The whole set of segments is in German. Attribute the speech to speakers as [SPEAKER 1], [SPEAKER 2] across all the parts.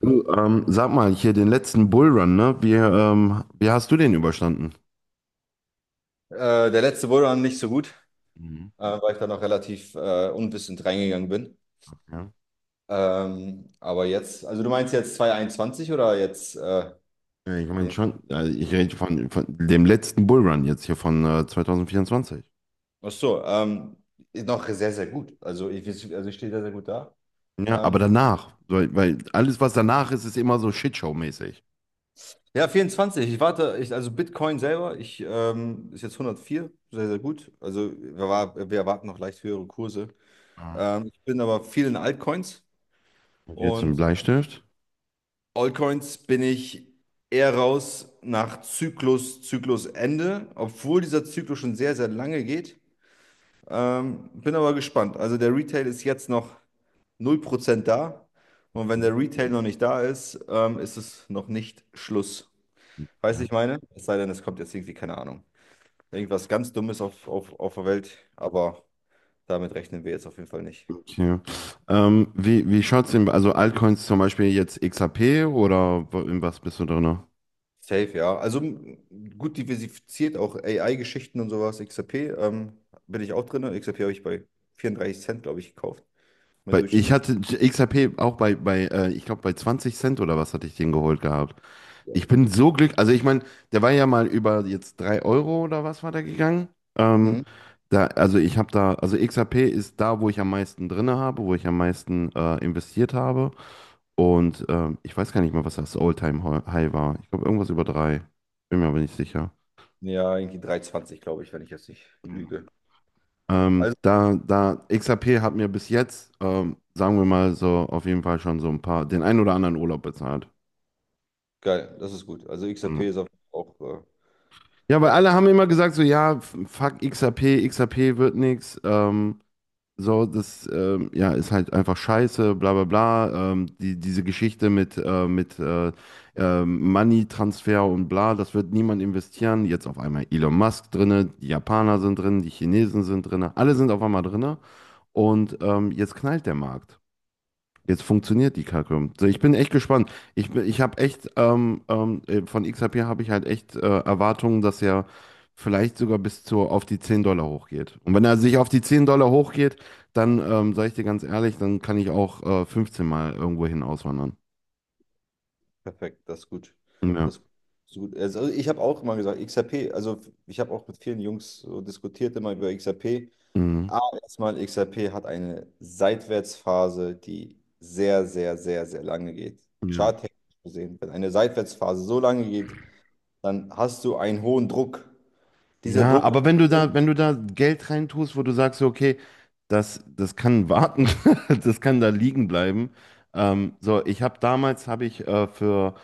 [SPEAKER 1] Du, sag mal, hier den letzten Bullrun, ne? Wie, wie hast du den überstanden?
[SPEAKER 2] Der letzte wurde dann nicht so gut,
[SPEAKER 1] Mhm.
[SPEAKER 2] weil ich da noch relativ unwissend reingegangen bin.
[SPEAKER 1] Ja.
[SPEAKER 2] Aber jetzt, also du meinst jetzt 2021 oder jetzt
[SPEAKER 1] Ja, ich meine
[SPEAKER 2] den?
[SPEAKER 1] schon, ich rede von dem letzten Bullrun jetzt hier von 2024.
[SPEAKER 2] Ach so, ist noch sehr, sehr gut. Also ich stehe sehr, sehr gut da.
[SPEAKER 1] Ja, aber
[SPEAKER 2] Ähm,
[SPEAKER 1] danach, weil alles, was danach ist, ist immer so Shitshow-mäßig.
[SPEAKER 2] ja, 24. Ich warte, also Bitcoin selber, ich ist jetzt 104 sehr, sehr gut. Also wir erwarten noch leicht höhere Kurse.
[SPEAKER 1] Ja.
[SPEAKER 2] Ich bin aber viel in Altcoins
[SPEAKER 1] Und hier zum
[SPEAKER 2] und
[SPEAKER 1] Bleistift.
[SPEAKER 2] Altcoins bin ich eher raus nach Zyklusende, obwohl dieser Zyklus schon sehr, sehr lange geht. Bin aber gespannt. Also der Retail ist jetzt noch 0% da. Und wenn
[SPEAKER 1] Mhm.
[SPEAKER 2] der Retail noch nicht da ist, ist es noch nicht Schluss. Weißt du,
[SPEAKER 1] Ja.
[SPEAKER 2] ich meine? Es sei denn, es kommt jetzt irgendwie, keine Ahnung, irgendwas ganz Dummes auf der Welt. Aber damit rechnen wir jetzt auf jeden Fall nicht.
[SPEAKER 1] Okay. Wie schaut's denn, also Altcoins zum Beispiel jetzt XRP oder in was bist du drin?
[SPEAKER 2] Safe, ja. Also gut diversifiziert, auch AI-Geschichten und sowas. XRP, bin ich auch drin. XRP habe ich bei 34 Cent, glaube ich, gekauft. Mein
[SPEAKER 1] Bei, ich
[SPEAKER 2] Durchschnittspreis.
[SPEAKER 1] hatte XRP auch bei ich glaube, bei 20 Cent oder was hatte ich den geholt gehabt. Ich bin so glücklich. Also, ich meine, der war ja mal über jetzt 3 Euro oder was war der gegangen.
[SPEAKER 2] Mhm.
[SPEAKER 1] Ähm, da, also, ich habe da, also XRP ist da, wo ich am meisten drin habe, wo ich am meisten investiert habe. Und ich weiß gar nicht mehr, was das All-Time-High war. Ich glaube, irgendwas über drei. Bin mir aber nicht sicher.
[SPEAKER 2] Ja, irgendwie 3,20, glaube ich, wenn ich jetzt nicht lüge. Also
[SPEAKER 1] Da XRP hat mir bis jetzt, sagen wir mal so, auf jeden Fall schon so ein paar, den einen oder anderen Urlaub bezahlt.
[SPEAKER 2] geil, das ist gut. Also
[SPEAKER 1] Ja,
[SPEAKER 2] XRP ist auch
[SPEAKER 1] ja, weil
[SPEAKER 2] äh,
[SPEAKER 1] alle haben immer gesagt, so, ja, fuck XAP, XAP wird nix, so, das, ja, ist halt einfach scheiße, bla, bla, bla, die, diese Geschichte mit Money-Transfer und bla, das wird niemand investieren, jetzt auf einmal Elon Musk drinne, die Japaner sind drin, die Chinesen sind drinne, alle sind auf einmal drinne und, jetzt knallt der Markt. Jetzt funktioniert die Kacke. So, ich bin echt gespannt. Ich habe echt, von XRP habe ich halt echt Erwartungen, dass er vielleicht sogar bis zu, auf die 10 Dollar hochgeht. Und wenn er sich auf die 10 Dollar hochgeht, dann, sage ich dir ganz ehrlich, dann kann ich auch 15 Mal irgendwo hin auswandern.
[SPEAKER 2] perfekt, das ist gut.
[SPEAKER 1] Ja.
[SPEAKER 2] Das ist gut. Also ich habe auch immer gesagt, XRP, also ich habe auch mit vielen Jungs so diskutiert immer über XRP.
[SPEAKER 1] Mhm.
[SPEAKER 2] A, erstmal XRP hat eine Seitwärtsphase, die sehr, sehr, sehr, sehr lange geht.
[SPEAKER 1] Ja.
[SPEAKER 2] Charttechnisch gesehen, wenn eine Seitwärtsphase so lange geht, dann hast du einen hohen Druck. Dieser
[SPEAKER 1] Ja,
[SPEAKER 2] Druck ist
[SPEAKER 1] aber
[SPEAKER 2] oben.
[SPEAKER 1] wenn du da Geld reintust, wo du sagst, so, okay, das kann warten, das kann da liegen bleiben. So, ich habe damals, habe ich für,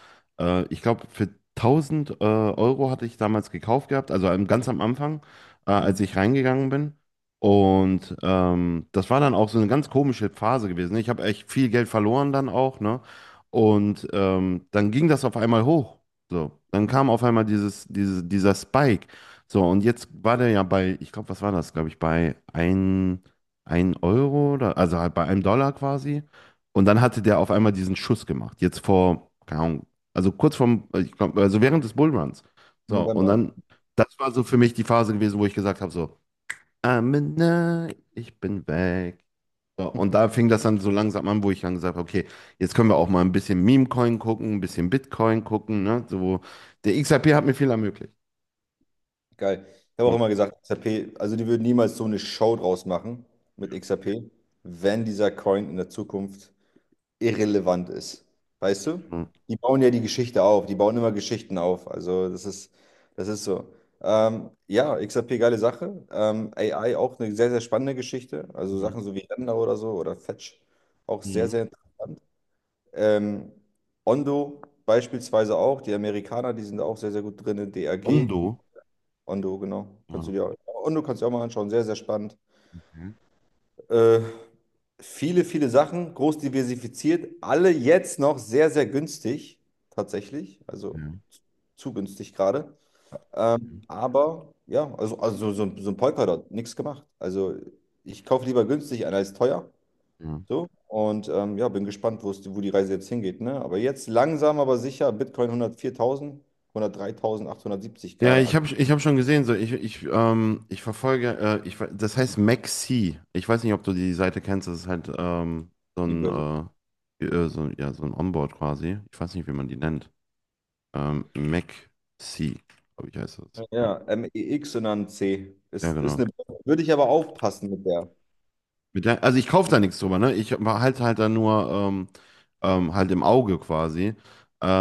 [SPEAKER 1] ich glaube, für 1000 Euro hatte ich damals gekauft gehabt, also ganz am Anfang, als
[SPEAKER 2] Mhm.
[SPEAKER 1] ich reingegangen bin. Und das war dann auch so eine ganz komische Phase gewesen, ne? Ich habe echt viel Geld verloren dann auch, ne? Und dann ging das auf einmal hoch. So, dann kam auf einmal dieser Spike. So, und jetzt war der ja bei, ich glaube, was war das, glaube ich, bei ein Euro oder, also halt bei einem Dollar quasi. Und dann hatte der auf einmal diesen Schuss gemacht. Jetzt vor, keine Ahnung, also kurz vorm, ich glaub, also während des Bullruns.
[SPEAKER 2] Im
[SPEAKER 1] So, und
[SPEAKER 2] November,
[SPEAKER 1] dann,
[SPEAKER 2] ja.
[SPEAKER 1] das war so für mich die Phase gewesen, wo ich gesagt habe, so, I'm in love, ich bin weg. So, und da fing das dann so langsam an, wo ich dann gesagt habe, okay, jetzt können wir auch mal ein bisschen Meme-Coin gucken, ein bisschen Bitcoin gucken, ne? So, der XRP hat mir viel ermöglicht.
[SPEAKER 2] Geil. Ich habe auch immer gesagt, XRP, also die würden niemals so eine Show draus machen mit XRP, wenn dieser Coin in der Zukunft irrelevant ist. Weißt du? Die bauen ja die Geschichte auf, die bauen immer Geschichten auf. Also das ist so. Ja, XRP, geile Sache. AI auch eine sehr, sehr spannende Geschichte. Also
[SPEAKER 1] Mhm.
[SPEAKER 2] Sachen so wie Lambda oder so oder Fetch, auch sehr,
[SPEAKER 1] Mhm.
[SPEAKER 2] sehr interessant. Ähm, Ondo beispielsweise auch, die Amerikaner, die sind da auch sehr, sehr gut drin. DAG,
[SPEAKER 1] Ondo.
[SPEAKER 2] Ondo, genau. Kannst du
[SPEAKER 1] Ja.
[SPEAKER 2] dir auch, Ondo kannst du dir auch mal anschauen, sehr, sehr spannend.
[SPEAKER 1] Okay.
[SPEAKER 2] Äh, Viele, viele Sachen, groß diversifiziert, alle jetzt noch sehr, sehr günstig, tatsächlich. Also
[SPEAKER 1] Ja.
[SPEAKER 2] zu günstig gerade. Aber ja, also so ein Polkadot, nichts gemacht. Also ich kaufe lieber günstig ein als teuer.
[SPEAKER 1] Ja,
[SPEAKER 2] So. Und ja, bin gespannt, wo die Reise jetzt hingeht. Ne? Aber jetzt langsam, aber sicher, Bitcoin 104.000 103.870
[SPEAKER 1] ja,
[SPEAKER 2] gerade aktuell.
[SPEAKER 1] ich hab schon gesehen, so ich verfolge, das heißt Maxi. Ich weiß nicht, ob du die Seite kennst, das ist halt so
[SPEAKER 2] Die
[SPEAKER 1] ein,
[SPEAKER 2] Börse.
[SPEAKER 1] so, ja, so ein Onboard quasi. Ich weiß nicht, wie man die nennt. Maxi, glaube ich, heißt das. Ja,
[SPEAKER 2] Ja, MEX und dann C.
[SPEAKER 1] ja,
[SPEAKER 2] Ist
[SPEAKER 1] genau.
[SPEAKER 2] eine, würde ich aber aufpassen mit der.
[SPEAKER 1] Mit der, also ich kaufe da nichts drüber, ne? Ich halte halt da nur halt im Auge quasi.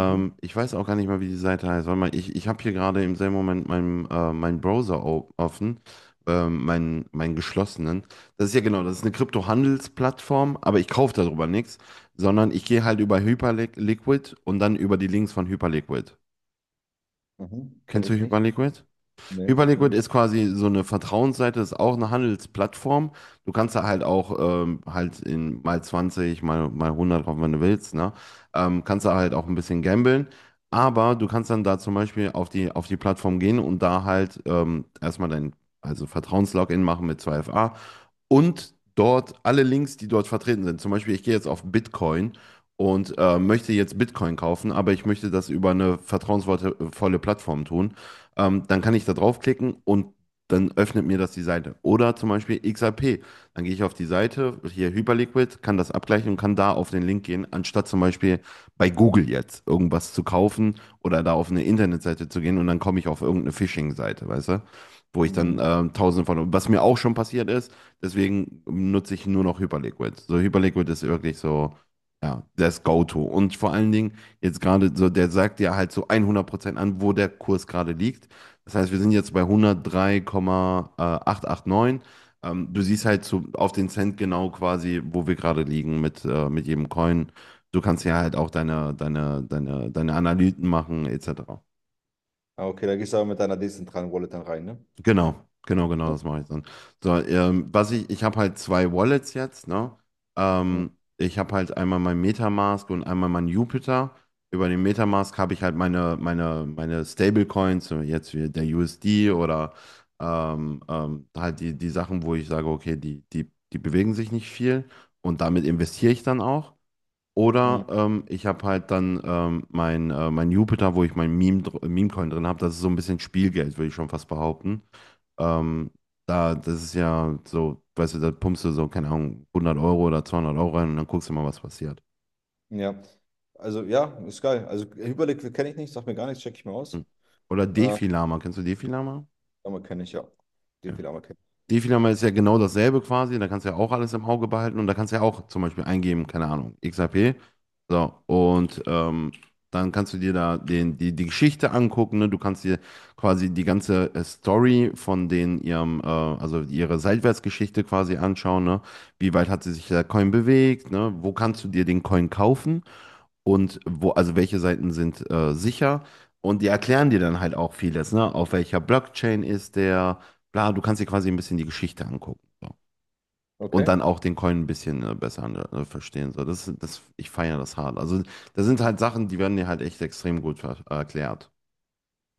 [SPEAKER 2] Mhm.
[SPEAKER 1] ich weiß auch gar nicht mal, wie die Seite heißt. Warte mal, ich habe hier gerade im selben Moment meinen meinen Browser offen, meinen geschlossenen. Das ist ja genau, das ist eine Kryptohandelsplattform, aber ich kaufe darüber nichts, sondern ich gehe halt über Hyperliquid und dann über die Links von Hyperliquid.
[SPEAKER 2] Mhm. Kenne
[SPEAKER 1] Kennst du
[SPEAKER 2] ich nicht.
[SPEAKER 1] Hyperliquid?
[SPEAKER 2] Nee, sag mir
[SPEAKER 1] Hyperliquid
[SPEAKER 2] nicht.
[SPEAKER 1] ist quasi so eine Vertrauensseite, ist auch eine Handelsplattform. Du kannst da halt auch halt in mal 20, mal hundert drauf, wenn du willst, ne? Kannst da halt auch ein bisschen gamblen. Aber du kannst dann da zum Beispiel auf die Plattform gehen und da halt erstmal dein also Vertrauenslogin machen mit 2FA und dort alle Links, die dort vertreten sind. Zum Beispiel, ich gehe jetzt auf Bitcoin und möchte jetzt Bitcoin kaufen, aber ich möchte das über eine vertrauensvolle volle Plattform tun, dann kann ich da draufklicken und dann öffnet mir das die Seite. Oder zum Beispiel XRP. Dann gehe ich auf die Seite, hier Hyperliquid, kann das abgleichen und kann da auf den Link gehen, anstatt zum Beispiel bei Google jetzt irgendwas zu kaufen oder da auf eine Internetseite zu gehen und dann komme ich auf irgendeine Phishing-Seite, weißt du? Wo ich dann
[SPEAKER 2] Mhm.
[SPEAKER 1] tausende von, was mir auch schon passiert ist, deswegen nutze ich nur noch Hyperliquid. So, Hyperliquid ist wirklich so, ja, das Go-To. Und vor allen Dingen jetzt gerade so, der sagt dir halt so 100% an, wo der Kurs gerade liegt, das heißt, wir sind jetzt bei 103.889. Du
[SPEAKER 2] Mhm.
[SPEAKER 1] siehst halt so auf den Cent genau quasi, wo wir gerade liegen mit jedem Coin. Du kannst ja halt auch deine Analysen machen, etc.
[SPEAKER 2] Ah, okay, da gehst du aber mit deiner dezentralen Wallet dann rein, ne?
[SPEAKER 1] Genau, genau, genau,
[SPEAKER 2] Mhm.
[SPEAKER 1] das mache ich dann. So, ich habe halt zwei Wallets jetzt, ne?
[SPEAKER 2] Mhm.
[SPEAKER 1] Ähm, ich habe halt einmal mein Metamask und einmal mein Jupiter. Über den Metamask habe ich halt meine Stablecoins, so jetzt wie der USD oder halt die Sachen, wo ich sage, okay, die bewegen sich nicht viel und damit investiere ich dann auch.
[SPEAKER 2] Mhm.
[SPEAKER 1] Oder ich habe halt dann mein Jupiter, wo ich mein Meme-Coin drin habe. Das ist so ein bisschen Spielgeld, würde ich schon fast behaupten. Ähm, das ist ja so, weißt du, da pumpst du so, keine Ahnung, 100 € oder 200 € rein und dann guckst du mal, was passiert.
[SPEAKER 2] Ja. Also ja, ist geil. Also Hyperliquid kenne ich nicht, sag mir gar nichts, check ich mir
[SPEAKER 1] Hm.
[SPEAKER 2] aus.
[SPEAKER 1] Oder
[SPEAKER 2] Äh,
[SPEAKER 1] Defi-Lama. Kennst du Defi-Lama?
[SPEAKER 2] Ammer kenne ich, ja. Die viel Ammer kenne
[SPEAKER 1] Defi-Lama ist ja genau dasselbe quasi. Da kannst du ja auch alles im Auge behalten und da kannst du ja auch zum Beispiel eingeben, keine Ahnung, XAP. So, und dann kannst du dir da die Geschichte angucken, ne? Du kannst dir quasi die ganze Story von den ihrem, also ihre Seitwärtsgeschichte quasi anschauen. Ne? Wie weit hat sie sich der Coin bewegt? Ne? Wo kannst du dir den Coin kaufen? Und wo, also welche Seiten sind sicher. Und die erklären dir dann halt auch vieles, ne? Auf welcher Blockchain ist der, bla, du kannst dir quasi ein bisschen die Geschichte angucken. So.
[SPEAKER 2] ich.
[SPEAKER 1] Und
[SPEAKER 2] Okay,
[SPEAKER 1] dann auch den Coin ein bisschen besser verstehen. So, ich feiere das hart. Also, das sind halt Sachen, die werden dir halt echt extrem gut erklärt.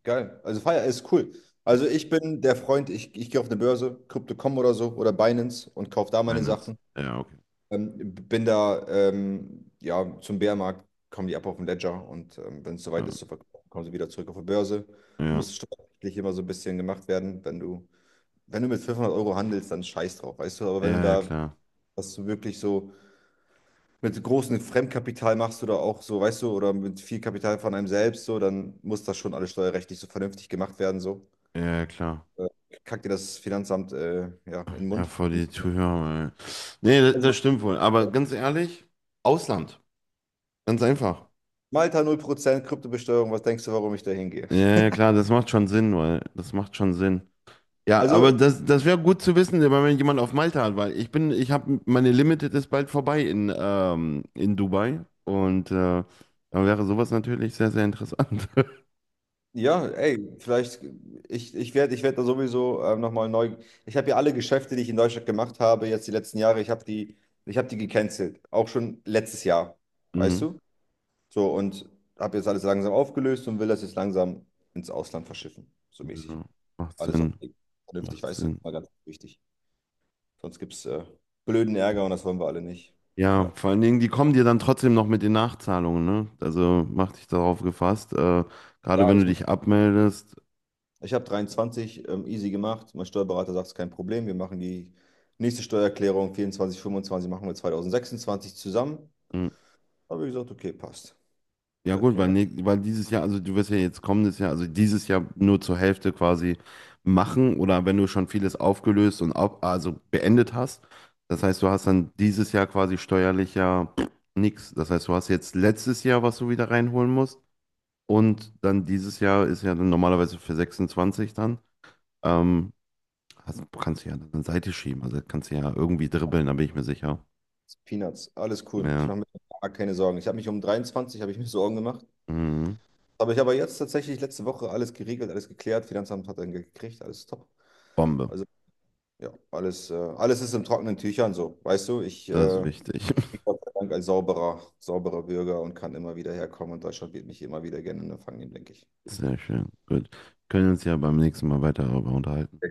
[SPEAKER 2] geil. Also Fire ist cool. Also ich bin der Freund, ich gehe auf eine Börse, Crypto.com oder so oder Binance und kaufe da meine
[SPEAKER 1] Finance.
[SPEAKER 2] Sachen.
[SPEAKER 1] Ja, okay.
[SPEAKER 2] Bin da, ja, zum Bärenmarkt kommen die ab auf den Ledger und wenn es
[SPEAKER 1] Ja,
[SPEAKER 2] soweit ist zu verkaufen, kommen sie wieder zurück auf die Börse.
[SPEAKER 1] ja,
[SPEAKER 2] Muss steuerlich immer so ein bisschen gemacht werden. Wenn du mit 500 Euro handelst, dann scheiß drauf, weißt du? Aber
[SPEAKER 1] ja,
[SPEAKER 2] wenn du
[SPEAKER 1] ja,
[SPEAKER 2] da,
[SPEAKER 1] klar.
[SPEAKER 2] was du wirklich so mit großem Fremdkapital machst oder auch so, weißt du, oder mit viel Kapital von einem selbst, so, dann muss das schon alles steuerrechtlich so vernünftig gemacht werden, so.
[SPEAKER 1] Ja, ja, klar.
[SPEAKER 2] Äh, Kackt dir das Finanzamt, ja, in den
[SPEAKER 1] Ja,
[SPEAKER 2] Mund.
[SPEAKER 1] vor die Zuhörer. Ey. Nee, das,
[SPEAKER 2] Also
[SPEAKER 1] das stimmt wohl. Aber ganz ehrlich, Ausland. Ganz einfach.
[SPEAKER 2] Malta 0% Kryptobesteuerung, was denkst du, warum ich da hingehe?
[SPEAKER 1] Ja, ja, klar, das macht schon Sinn, weil das macht schon Sinn. Ja, aber
[SPEAKER 2] Also,
[SPEAKER 1] das wäre gut zu wissen, wenn man jemand auf Malta hat, weil ich habe meine Limited ist bald vorbei in Dubai und da wäre sowas natürlich sehr, sehr interessant.
[SPEAKER 2] ja, ey, vielleicht, ich werd da sowieso nochmal neu. Ich habe ja alle Geschäfte, die ich in Deutschland gemacht habe, jetzt die letzten Jahre, ich habe die gecancelt. Auch schon letztes Jahr, weißt
[SPEAKER 1] Mhm.
[SPEAKER 2] du? So, und habe jetzt alles langsam aufgelöst und will das jetzt langsam ins Ausland verschiffen. So mäßig.
[SPEAKER 1] Ja, macht
[SPEAKER 2] Alles auf
[SPEAKER 1] Sinn,
[SPEAKER 2] vernünftig,
[SPEAKER 1] macht
[SPEAKER 2] weißt du, das
[SPEAKER 1] Sinn.
[SPEAKER 2] ist mal ganz wichtig. Sonst gibt es blöden Ärger und das wollen wir alle nicht.
[SPEAKER 1] Ja,
[SPEAKER 2] Ja.
[SPEAKER 1] vor allen Dingen, die kommen dir dann trotzdem noch mit den Nachzahlungen, ne? Also mach dich darauf gefasst, gerade
[SPEAKER 2] Ja,
[SPEAKER 1] wenn du
[SPEAKER 2] alles
[SPEAKER 1] dich abmeldest.
[SPEAKER 2] Ich habe 23 easy gemacht. Mein Steuerberater sagt, es ist kein Problem. Wir machen die nächste Steuererklärung 24, 25 machen wir 2026 zusammen.
[SPEAKER 1] Hm.
[SPEAKER 2] Habe ich gesagt, okay, passt.
[SPEAKER 1] Ja
[SPEAKER 2] Das
[SPEAKER 1] gut,
[SPEAKER 2] kriegen
[SPEAKER 1] weil,
[SPEAKER 2] wir.
[SPEAKER 1] ne, weil dieses Jahr, also du wirst ja jetzt kommendes Jahr, also dieses Jahr nur zur Hälfte quasi machen oder wenn du schon vieles aufgelöst also beendet hast, das heißt, du hast dann dieses Jahr quasi steuerlich ja pff, nix. Das heißt, du hast jetzt letztes Jahr, was du wieder reinholen musst und dann dieses Jahr ist ja dann normalerweise für 26 dann, ähm, kannst du ja dann Seite schieben, also kannst du ja irgendwie dribbeln, da bin ich mir sicher.
[SPEAKER 2] Peanuts, alles cool. Ich
[SPEAKER 1] Ja,
[SPEAKER 2] mache mir gar keine Sorgen. Ich habe mich um 23 habe ich mir Sorgen gemacht.
[SPEAKER 1] mhm.
[SPEAKER 2] Aber ich habe jetzt tatsächlich letzte Woche alles geregelt, alles geklärt. Finanzamt hat dann gekriegt, alles top.
[SPEAKER 1] Bombe,
[SPEAKER 2] Also ja, alles ist in trockenen Tüchern so. Weißt du, ich
[SPEAKER 1] das ist wichtig.
[SPEAKER 2] bin Gott sei Dank ein sauberer, sauberer Bürger und kann immer wieder herkommen und Deutschland wird mich immer wieder gerne empfangen, denke ich.
[SPEAKER 1] Sehr schön. Gut. Können uns ja beim nächsten Mal weiter darüber unterhalten.